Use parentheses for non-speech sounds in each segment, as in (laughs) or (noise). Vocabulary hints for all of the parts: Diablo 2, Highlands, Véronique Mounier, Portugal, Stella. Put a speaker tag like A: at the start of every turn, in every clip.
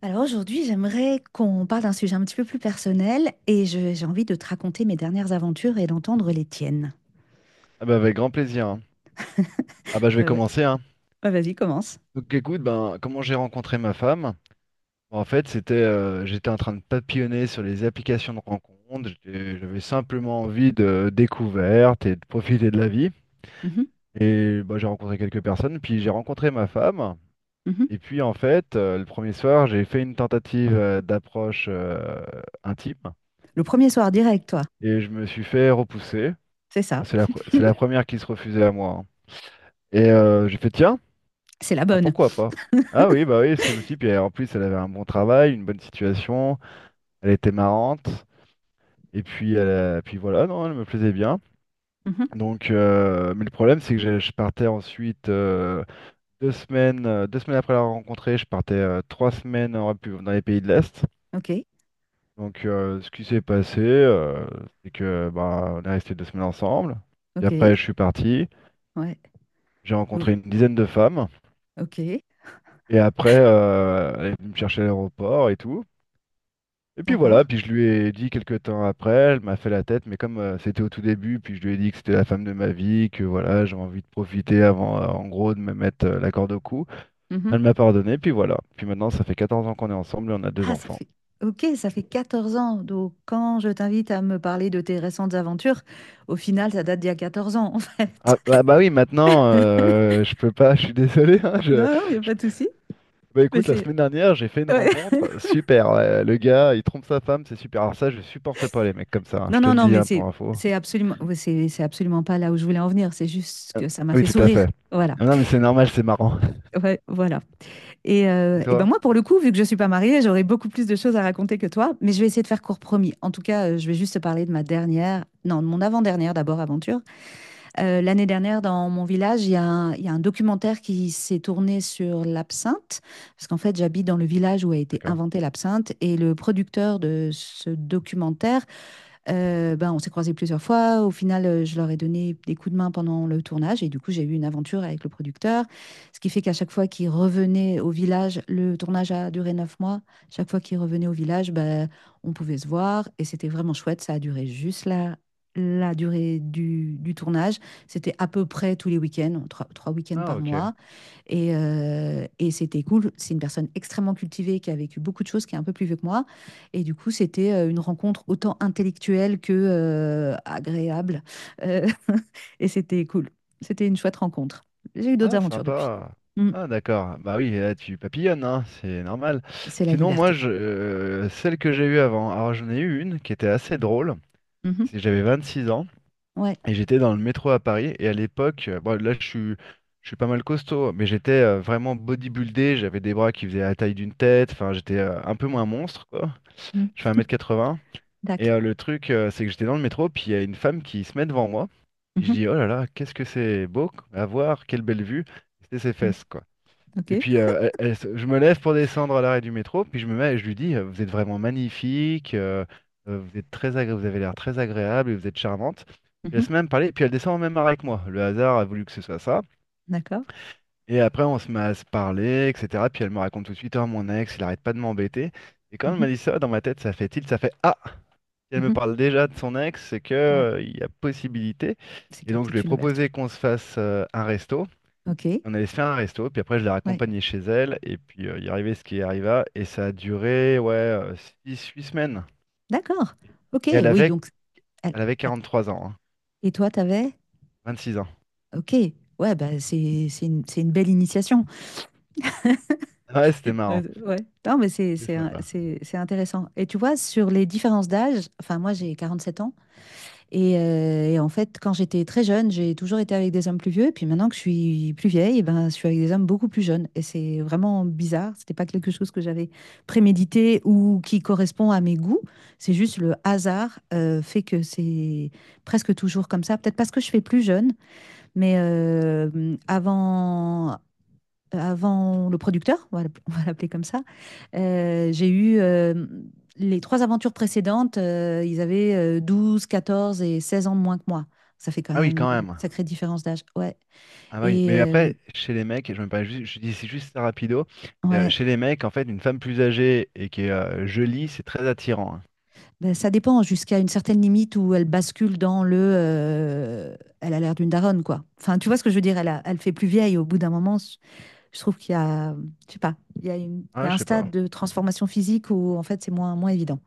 A: Alors aujourd'hui, j'aimerais qu'on parle d'un sujet un petit peu plus personnel et j'ai envie de te raconter mes dernières aventures et d'entendre les tiennes.
B: Ah bah avec grand plaisir, hein. Ah bah je vais
A: Ouais, ouais.
B: commencer, hein.
A: Ouais, vas-y, commence.
B: Donc écoute, ben comment j'ai rencontré ma femme? Bon, en fait, c'était j'étais en train de papillonner sur les applications de rencontres. J'avais simplement envie de découverte et de profiter de la vie.
A: Mhm,
B: Et bah, j'ai rencontré quelques personnes, puis j'ai rencontré ma femme.
A: mhm.
B: Et puis en fait, le premier soir, j'ai fait une tentative d'approche intime,
A: Le premier soir direct, toi.
B: et je me suis fait repousser.
A: C'est ça.
B: C'est la première qui se refusait à moi, hein. Et j'ai fait, tiens.
A: C'est la
B: Ah,
A: bonne.
B: pourquoi pas? Ah oui, bah oui, parce que je me suis dit, puis en plus, elle avait un bon travail, une bonne situation, elle était marrante, et puis, puis voilà, non, elle me plaisait bien.
A: Mhm.
B: Donc, mais le problème, c'est que je partais ensuite 2 semaines, après la rencontrer, je partais 3 semaines en dans les pays de l'Est.
A: Ok,
B: Donc, ce qui s'est passé, c'est que bah, on est resté 2 semaines ensemble. Puis
A: ok,
B: après, je suis parti,
A: ouais.
B: j'ai
A: Ou-
B: rencontré une dizaine de femmes,
A: Ok,
B: et après, elle est venue me chercher à l'aéroport et tout. Et puis voilà,
A: d'accord.
B: puis je lui ai dit quelques temps après, elle m'a fait la tête, mais comme c'était au tout début, puis je lui ai dit que c'était la femme de ma vie, que voilà, j'ai envie de profiter avant, en gros, de me mettre la corde au cou.
A: Mhm.
B: Elle m'a pardonné, puis voilà. Puis maintenant, ça fait 14 ans qu'on est ensemble et on a deux
A: Ah, ça
B: enfants.
A: fait... Ok, ça fait 14 ans. Donc quand je t'invite à me parler de tes récentes aventures, au final, ça date d'il y a 14 ans, en fait.
B: Ah bah,
A: (laughs)
B: bah oui, maintenant, je peux pas, (laughs) je suis désolé, hein,
A: Non, il n'y a
B: je-
A: pas de souci.
B: bah
A: Mais
B: écoute, la
A: c'est...
B: semaine dernière, j'ai fait une
A: ouais.
B: rencontre, super. Ouais, le gars, il trompe sa femme, c'est super. Alors ça, je supporte pas les mecs comme ça, hein,
A: Non,
B: je te
A: non,
B: le
A: non,
B: dis,
A: mais
B: hein, pour
A: c'est
B: info.
A: c'est absolument, ouais, c'est absolument pas là où je voulais en venir. C'est juste
B: Euh,
A: que ça m'a
B: Oui,
A: fait
B: tout à
A: sourire.
B: fait.
A: Voilà,
B: Ah non, mais c'est normal, c'est marrant.
A: ouais, voilà. Et,
B: (laughs) Et
A: euh, et ben
B: toi?
A: moi, pour le coup, vu que je suis pas mariée, j'aurais beaucoup plus de choses à raconter que toi, mais je vais essayer de faire court promis. En tout cas, je vais juste te parler de ma dernière, non, de mon avant-dernière d'abord aventure. L'année dernière, dans mon village, il y a un documentaire qui s'est tourné sur l'absinthe, parce qu'en fait, j'habite dans le village où a été
B: D'accord.
A: inventée l'absinthe, et le producteur de ce documentaire ben, on s'est croisés plusieurs fois. Au final, je leur ai donné des coups de main pendant le tournage et du coup, j'ai eu une aventure avec le producteur. Ce qui fait qu'à chaque fois qu'ils revenaient au village, le tournage a duré 9 mois. Chaque fois qu'ils revenaient au village, ben, on pouvait se voir et c'était vraiment chouette. Ça a duré juste la durée du tournage. C'était à peu près tous les week-ends, trois week-ends
B: Ah
A: par
B: ok.
A: mois. Et c'était cool. C'est une personne extrêmement cultivée qui a vécu beaucoup de choses, qui est un peu plus vieux que moi. Et du coup, c'était une rencontre autant intellectuelle que agréable. Euh, (laughs) et c'était cool. C'était une chouette rencontre. J'ai eu d'autres
B: Ah
A: aventures depuis.
B: sympa.
A: Mm.
B: Ah d'accord. Bah oui, là tu papillonnes, hein, c'est normal.
A: C'est la
B: Sinon moi
A: liberté.
B: je celle que j'ai eue avant, alors j'en ai eu une qui était assez drôle.
A: Mhm.
B: C'est que j'avais 26 ans
A: Ouais.
B: et j'étais dans le métro à Paris, et à l'époque, bon là je suis pas mal costaud, mais j'étais vraiment bodybuildé, j'avais des bras qui faisaient la taille d'une tête, enfin j'étais un peu moins monstre quoi.
A: Mm.
B: Je fais un mètre quatre 80. Et
A: Tac.
B: le truc, c'est que j'étais dans le métro, puis il y a une femme qui se met devant moi. Puis je
A: Mhm.
B: dis, oh là là, qu'est-ce que c'est beau à voir, quelle belle vue. C'était ses
A: Mm.
B: fesses, quoi. Et
A: OK.
B: puis je me lève pour descendre à l'arrêt du métro, puis je me mets et je lui dis, vous êtes vraiment magnifique, vous avez l'air très agréable et vous êtes charmante. Je
A: Mhm.
B: laisse même parler, puis elle descend en même arrêt que moi. Le hasard a voulu que ce soit ça.
A: D'accord.
B: Et après, on se met à se parler, etc. Puis elle me raconte tout de suite, oh mon ex, il arrête pas de m'embêter. Et quand elle m'a
A: Mhm.
B: dit ça, dans ma tête, ça fait tilt, ça fait ah. Si elle me
A: Mhm.
B: parle déjà de son ex, c'est que,
A: Ouais.
B: il y a possibilité.
A: C'est qu'il
B: Et
A: y a
B: donc, je lui
A: peut-être
B: ai
A: une ouverture.
B: proposé qu'on se fasse un resto.
A: OK.
B: On allait se faire un resto, puis après, je l'ai
A: Ouais.
B: raccompagnée chez elle, et puis il arrivait ce qui arriva, et ça a duré, ouais, 6-8 semaines.
A: D'accord. OK.
B: Et elle
A: Oui,
B: avait,
A: donc. elle-
B: elle avait
A: elle-
B: 43 ans, hein,
A: Et toi, t'avais?
B: 26 ans.
A: Ok, ouais, bah c'est une belle initiation.
B: Ah ouais, c'était marrant.
A: Ouais, non, mais c'est
B: C'est
A: c'est un-
B: sympa.
A: c'est- c'est intéressant. Et tu vois, sur les différences d'âge, enfin, moi j'ai 47 ans, et en fait, quand j'étais très jeune, j'ai toujours été avec des hommes plus vieux, et puis maintenant que je suis plus vieille, eh ben, je suis avec des hommes beaucoup plus jeunes. Et c'est vraiment bizarre, c'était pas quelque chose que j'avais prémédité ou qui correspond à mes goûts, c'est juste le hasard fait que c'est presque toujours comme ça. Peut-être parce que je fais plus jeune. Mais avant le producteur, on va l'appeler comme ça, j'ai eu les trois aventures précédentes, ils avaient 12, 14 et 16 ans de moins que moi. Ça fait quand
B: Ah oui,
A: même
B: quand
A: une
B: même.
A: sacrée différence d'âge. Ouais.
B: Ah bah oui,
A: Et
B: mais
A: euh,
B: après, chez les mecs, je me parlais juste, je dis c'est juste ça rapido,
A: ouais,
B: chez les mecs, en fait, une femme plus âgée et qui est jolie, c'est très attirant, hein.
A: ben, ça dépend jusqu'à une certaine limite où elle bascule dans le elle a l'air d'une daronne, quoi. Enfin, tu vois ce que je veux dire, elle fait plus vieille au bout d'un moment. Je trouve qu'il y a, je sais pas, il y
B: Ah,
A: a un
B: je sais
A: stade
B: pas.
A: de transformation physique où en fait c'est moins, moins évident.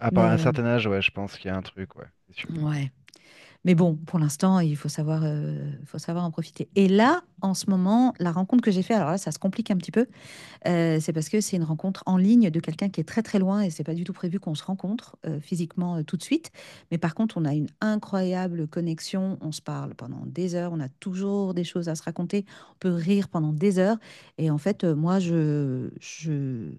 B: À part
A: Mais
B: un certain âge, ouais, je pense qu'il y a un truc, ouais, c'est sûr.
A: ouais. Mais bon, pour l'instant, il faut savoir en profiter. Et là, en ce moment, la rencontre que j'ai faite, alors là, ça se complique un petit peu, c'est parce que c'est une rencontre en ligne de quelqu'un qui est très très loin et c'est pas du tout prévu qu'on se rencontre physiquement tout de suite. Mais par contre, on a une incroyable connexion, on se parle pendant des heures, on a toujours des choses à se raconter, on peut rire pendant des heures. Et en fait, moi, je, je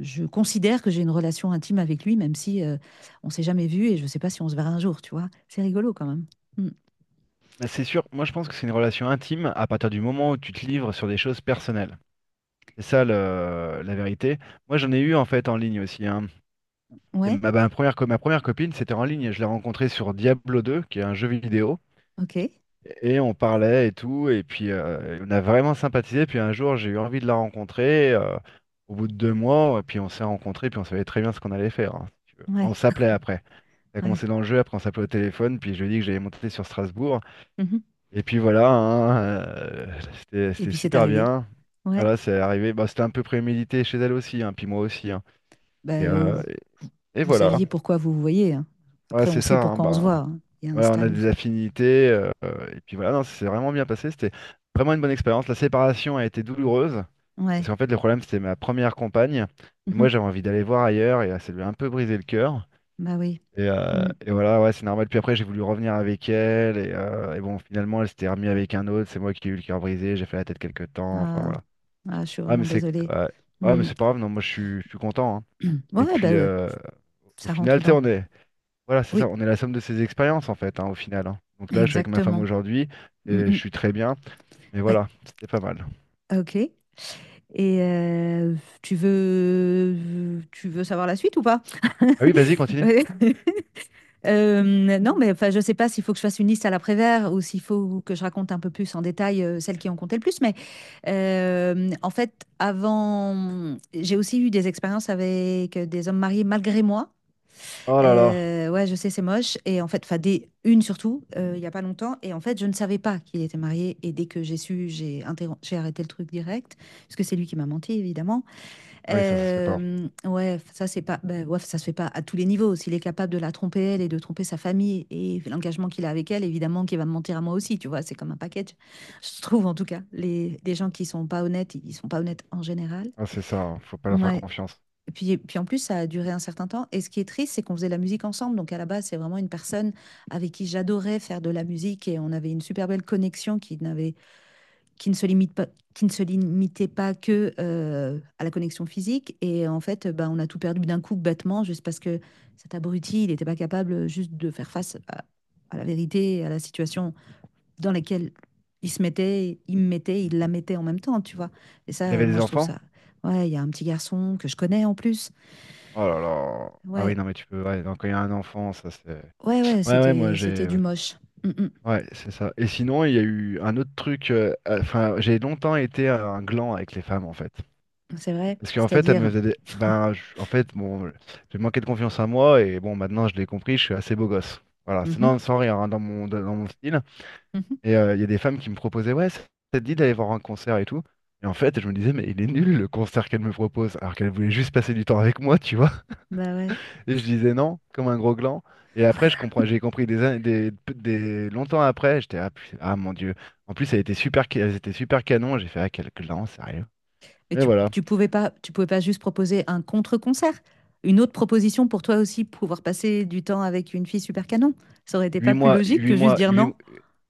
A: je considère que j'ai une relation intime avec lui, même si on s'est jamais vu et je ne sais pas si on se verra un jour, tu vois. C'est rigolo quand même. Mm.
B: Mais c'est sûr, moi je pense que c'est une relation intime à partir du moment où tu te livres sur des choses personnelles. C'est ça la vérité. Moi j'en ai eu en fait en ligne aussi, hein. C'est
A: Ouais,
B: Ma, ma première, co- ma première copine, c'était en ligne. Je l'ai rencontrée sur Diablo 2, qui est un jeu vidéo.
A: ok.
B: Et on parlait et tout. Et puis on a vraiment sympathisé. Puis un jour, j'ai eu envie de la rencontrer, au bout de 2 mois, et puis on s'est rencontrés. Puis on savait très bien ce qu'on allait faire, hein, si tu veux.
A: Ouais,
B: On s'appelait après. Ça a
A: ouais.
B: commencé dans le jeu, après on s'appelait au téléphone, puis je lui ai dit que j'allais monter sur Strasbourg.
A: Mhm.
B: Et puis voilà, hein, c'était
A: Et
B: c'était
A: puis c'est
B: super
A: arrivé.
B: bien.
A: Ouais.
B: Voilà, c'est arrivé. Bah, c'était un peu prémédité chez elle aussi, hein, puis moi aussi, hein. Et,
A: Ben,
B: euh,
A: vous,
B: et- et
A: vous
B: voilà,
A: saviez pourquoi vous vous voyez. Hein.
B: voilà,
A: Après,
B: c'est
A: on sait
B: ça, hein,
A: pourquoi on se voit.
B: bah,
A: Hein. Il y a un
B: voilà, on a
A: stade où.
B: des affinités. Et puis voilà, non, c'est vraiment bien passé. C'était vraiment une bonne expérience. La séparation a été douloureuse,
A: Ouais.
B: parce qu'en fait, le problème, c'était ma première compagne. Et moi,
A: Mhm.
B: j'avais envie d'aller voir ailleurs, et ça lui a un peu brisé le cœur.
A: Bah oui.
B: Et, euh,
A: Mm.
B: et voilà, ouais, c'est normal. Puis après, j'ai voulu revenir avec elle. Et bon, finalement, elle s'était remise avec un autre. C'est moi qui ai eu le cœur brisé. J'ai fait la tête quelques temps. Enfin,
A: Ah,
B: voilà.
A: ah, je suis
B: Ouais,
A: vraiment
B: mais c'est
A: désolée.
B: ouais. Ouais, mais
A: Mm.
B: c'est pas grave. Non, moi, je suis content, hein.
A: (clears throat)
B: Et
A: Ouais, ben,
B: puis, au
A: ça
B: final,
A: rentre
B: tu sais,
A: dans.
B: on est. Voilà, c'est ça.
A: Oui,
B: On est la somme de ses expériences, en fait, hein, au final, hein. Donc là, je suis avec ma femme
A: exactement.
B: aujourd'hui.
A: Mm,
B: Et je
A: mm.
B: suis très bien. Mais
A: Ouais,
B: voilà, c'était pas mal.
A: ok. Et tu veux, tu veux savoir la suite ou pas? (laughs)
B: Ah oui, vas-y, continue.
A: Ouais. Non, mais enfin, je sais pas s'il faut que je fasse une liste à l'après-vert ou s'il faut que je raconte un peu plus en détail celles qui ont compté le plus. Mais en fait, avant, j'ai aussi eu des expériences avec des hommes mariés malgré moi.
B: Oh là là.
A: Ouais, je sais, c'est moche. Et en fait, enfin, des, une surtout, il y a pas longtemps. Et en fait, je ne savais pas qu'il était marié. Et dès que j'ai su, j'ai arrêté le truc direct, parce que c'est lui qui m'a menti, évidemment.
B: Ah oui, ça se fait pas.
A: Ouais, ça c'est pas bah, ouais, ça se fait pas à tous les niveaux. S'il est capable de la tromper elle et de tromper sa famille et l'engagement qu'il a avec elle, évidemment qu'il va me mentir à moi aussi, tu vois? C'est comme un package. Je trouve en tout cas, les gens qui sont pas honnêtes, ils sont pas honnêtes en général.
B: Ah, c'est ça, hein. Faut pas leur faire
A: Ouais.
B: confiance.
A: Et puis en plus, ça a duré un certain temps, et ce qui est triste, c'est qu'on faisait de la musique ensemble. Donc à la base, c'est vraiment une personne avec qui j'adorais faire de la musique, et on avait une super belle connexion qui n'avait, qui ne se limite pas, qui ne se limitait pas que à la connexion physique. Et en fait bah, on a tout perdu d'un coup bêtement, juste parce que cet abruti, il n'était pas capable juste de faire face à, la vérité, à la situation dans laquelle il se mettait, il me mettait, il la mettait en même temps, tu vois. Et
B: Il
A: ça,
B: avait
A: moi,
B: des
A: je trouve
B: enfants?
A: ça... Ouais, il y a un petit garçon que je connais en plus.
B: Oh là là. Ah oui,
A: Ouais,
B: non, mais tu peux. Ouais, non, quand il y a un enfant, ça, c'est.
A: ouais, ouais,
B: Ouais, ouais, moi
A: c'était
B: j'ai.
A: du moche. Mm,
B: Ouais, c'est ça. Et sinon, il y a eu un autre truc. Enfin, j'ai longtemps été un gland avec les femmes, en fait.
A: mm, c'est vrai,
B: Parce qu'en fait, elles me
A: c'est-à-dire.
B: faisaient des, ben, en fait, bon, j'ai manqué de confiance en moi, et bon, maintenant je l'ai compris, je suis assez beau gosse. Voilà, c'est
A: Mhm,
B: non, sans rire, hein, dans mon style.
A: mhm.
B: Et il y a des femmes qui me proposaient, ouais, ça te dit d'aller voir un concert et tout. Et en fait, je me disais, mais il est nul le concert qu'elle me propose, alors qu'elle voulait juste passer du temps avec moi, tu vois.
A: Bah ouais.
B: Et je disais non, comme un gros gland. Et après, j'ai compris des, an- des- longtemps après, j'étais ah, ah, mon Dieu. En plus, elles étaient super canon. J'ai fait ah quel gland, sérieux.
A: Et
B: Mais
A: tu,
B: voilà,
A: tu pouvais pas, tu pouvais pas juste proposer un contre-concert, une autre proposition pour toi aussi pouvoir passer du temps avec une fille super canon. Ça aurait été
B: huit
A: pas plus
B: mois,
A: logique
B: huit
A: que juste
B: mois,
A: dire
B: huit,
A: non.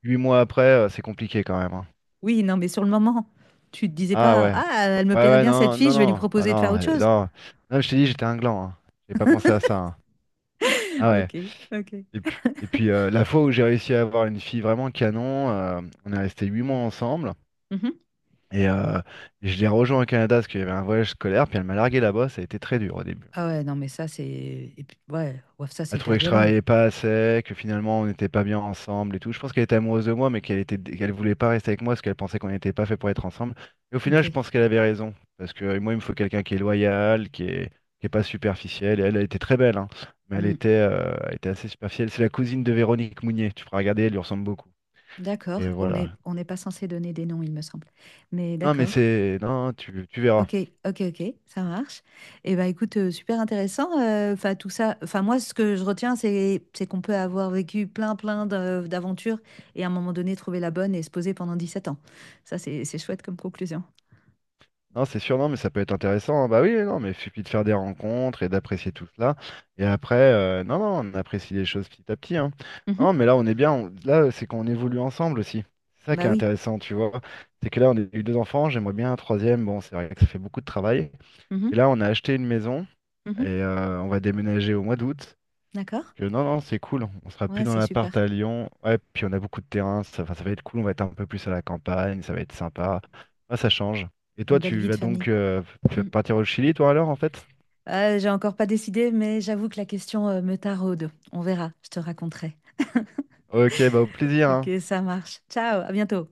B: huit mois après, c'est compliqué quand même, hein.
A: Oui, non, mais sur le moment, tu te disais
B: Ah
A: pas,
B: ouais,
A: ah, elle me
B: ouais
A: plairait
B: ouais
A: bien cette
B: non
A: fille,
B: non
A: je vais lui
B: non bah
A: proposer de faire
B: non
A: autre chose.
B: non. Non, je t'ai dit j'étais un gland, hein. J'ai pas pensé à ça, hein.
A: (laughs)
B: Ah ouais.
A: Ok, ok.
B: Et puis la fois où j'ai réussi à avoir une fille vraiment canon, on est resté huit mois ensemble.
A: Mhm.
B: Et je l'ai rejoint au Canada parce qu'il y avait un voyage scolaire, puis elle m'a largué là-bas, ça a été très dur au début.
A: Ah ouais, non, mais ça c'est, et puis, ouais, ouais, ça c'est
B: Elle trouvait
A: hyper
B: que je
A: violent.
B: travaillais pas assez, que finalement on n'était pas bien ensemble et tout. Je pense qu'elle était amoureuse de moi, mais qu'elle voulait pas rester avec moi parce qu'elle pensait qu'on n'était pas fait pour être ensemble. Et au
A: Ok.
B: final, je pense qu'elle avait raison, parce que moi, il me faut quelqu'un qui est loyal, qui est pas superficiel. Et elle, elle était très belle, hein, mais elle
A: Hmm.
B: était, euh, elle était assez superficielle. C'est la cousine de Véronique Mounier. Tu feras regarder, elle lui ressemble beaucoup. Et
A: D'accord. On est,
B: voilà.
A: on n'est pas censé donner des noms, il me semble. Mais
B: Non, mais
A: d'accord.
B: c'est, non, tu verras.
A: Ok, ok, ok, ça marche. Et bah écoute, super intéressant. Enfin tout ça. Enfin moi, ce que je retiens, c'est qu'on peut avoir vécu plein, plein d'aventures et à un moment donné trouver la bonne et se poser pendant 17 ans. Ça, c'est chouette comme conclusion.
B: Non, c'est sûr, non, mais ça peut être intéressant, hein. Bah oui, oui, non, mais il suffit de faire des rencontres et d'apprécier tout cela. Et après, non, non, on apprécie les choses petit à petit, hein.
A: Mhm.
B: Non, mais là, on est bien. Là, c'est qu'on évolue ensemble aussi. C'est ça qui
A: Bah
B: est
A: oui.
B: intéressant, tu vois. C'est que là, on a eu 2 enfants, j'aimerais bien un troisième. Bon, c'est vrai que ça fait beaucoup de travail. Et
A: Mhm,
B: là, on a acheté une maison et
A: mhm.
B: on va déménager au mois d'août.
A: D'accord.
B: Que non, non, c'est cool. On sera plus
A: Ouais,
B: dans
A: c'est
B: l'appart
A: super.
B: à Lyon. Ouais, puis on a beaucoup de terrain. Ça, enfin, ça va être cool. On va être un peu plus à la campagne. Ça va être sympa. Ah, ça change. Et toi,
A: Une belle
B: tu
A: vie de
B: vas
A: famille.
B: donc euh, tu vas
A: Mm.
B: partir au Chili, toi, alors, en fait?
A: J'ai encore pas décidé, mais j'avoue que la question me taraude. On verra. Je te raconterai.
B: Ok, bah, au plaisir,
A: Ok,
B: hein.
A: ça marche. Ciao, à bientôt.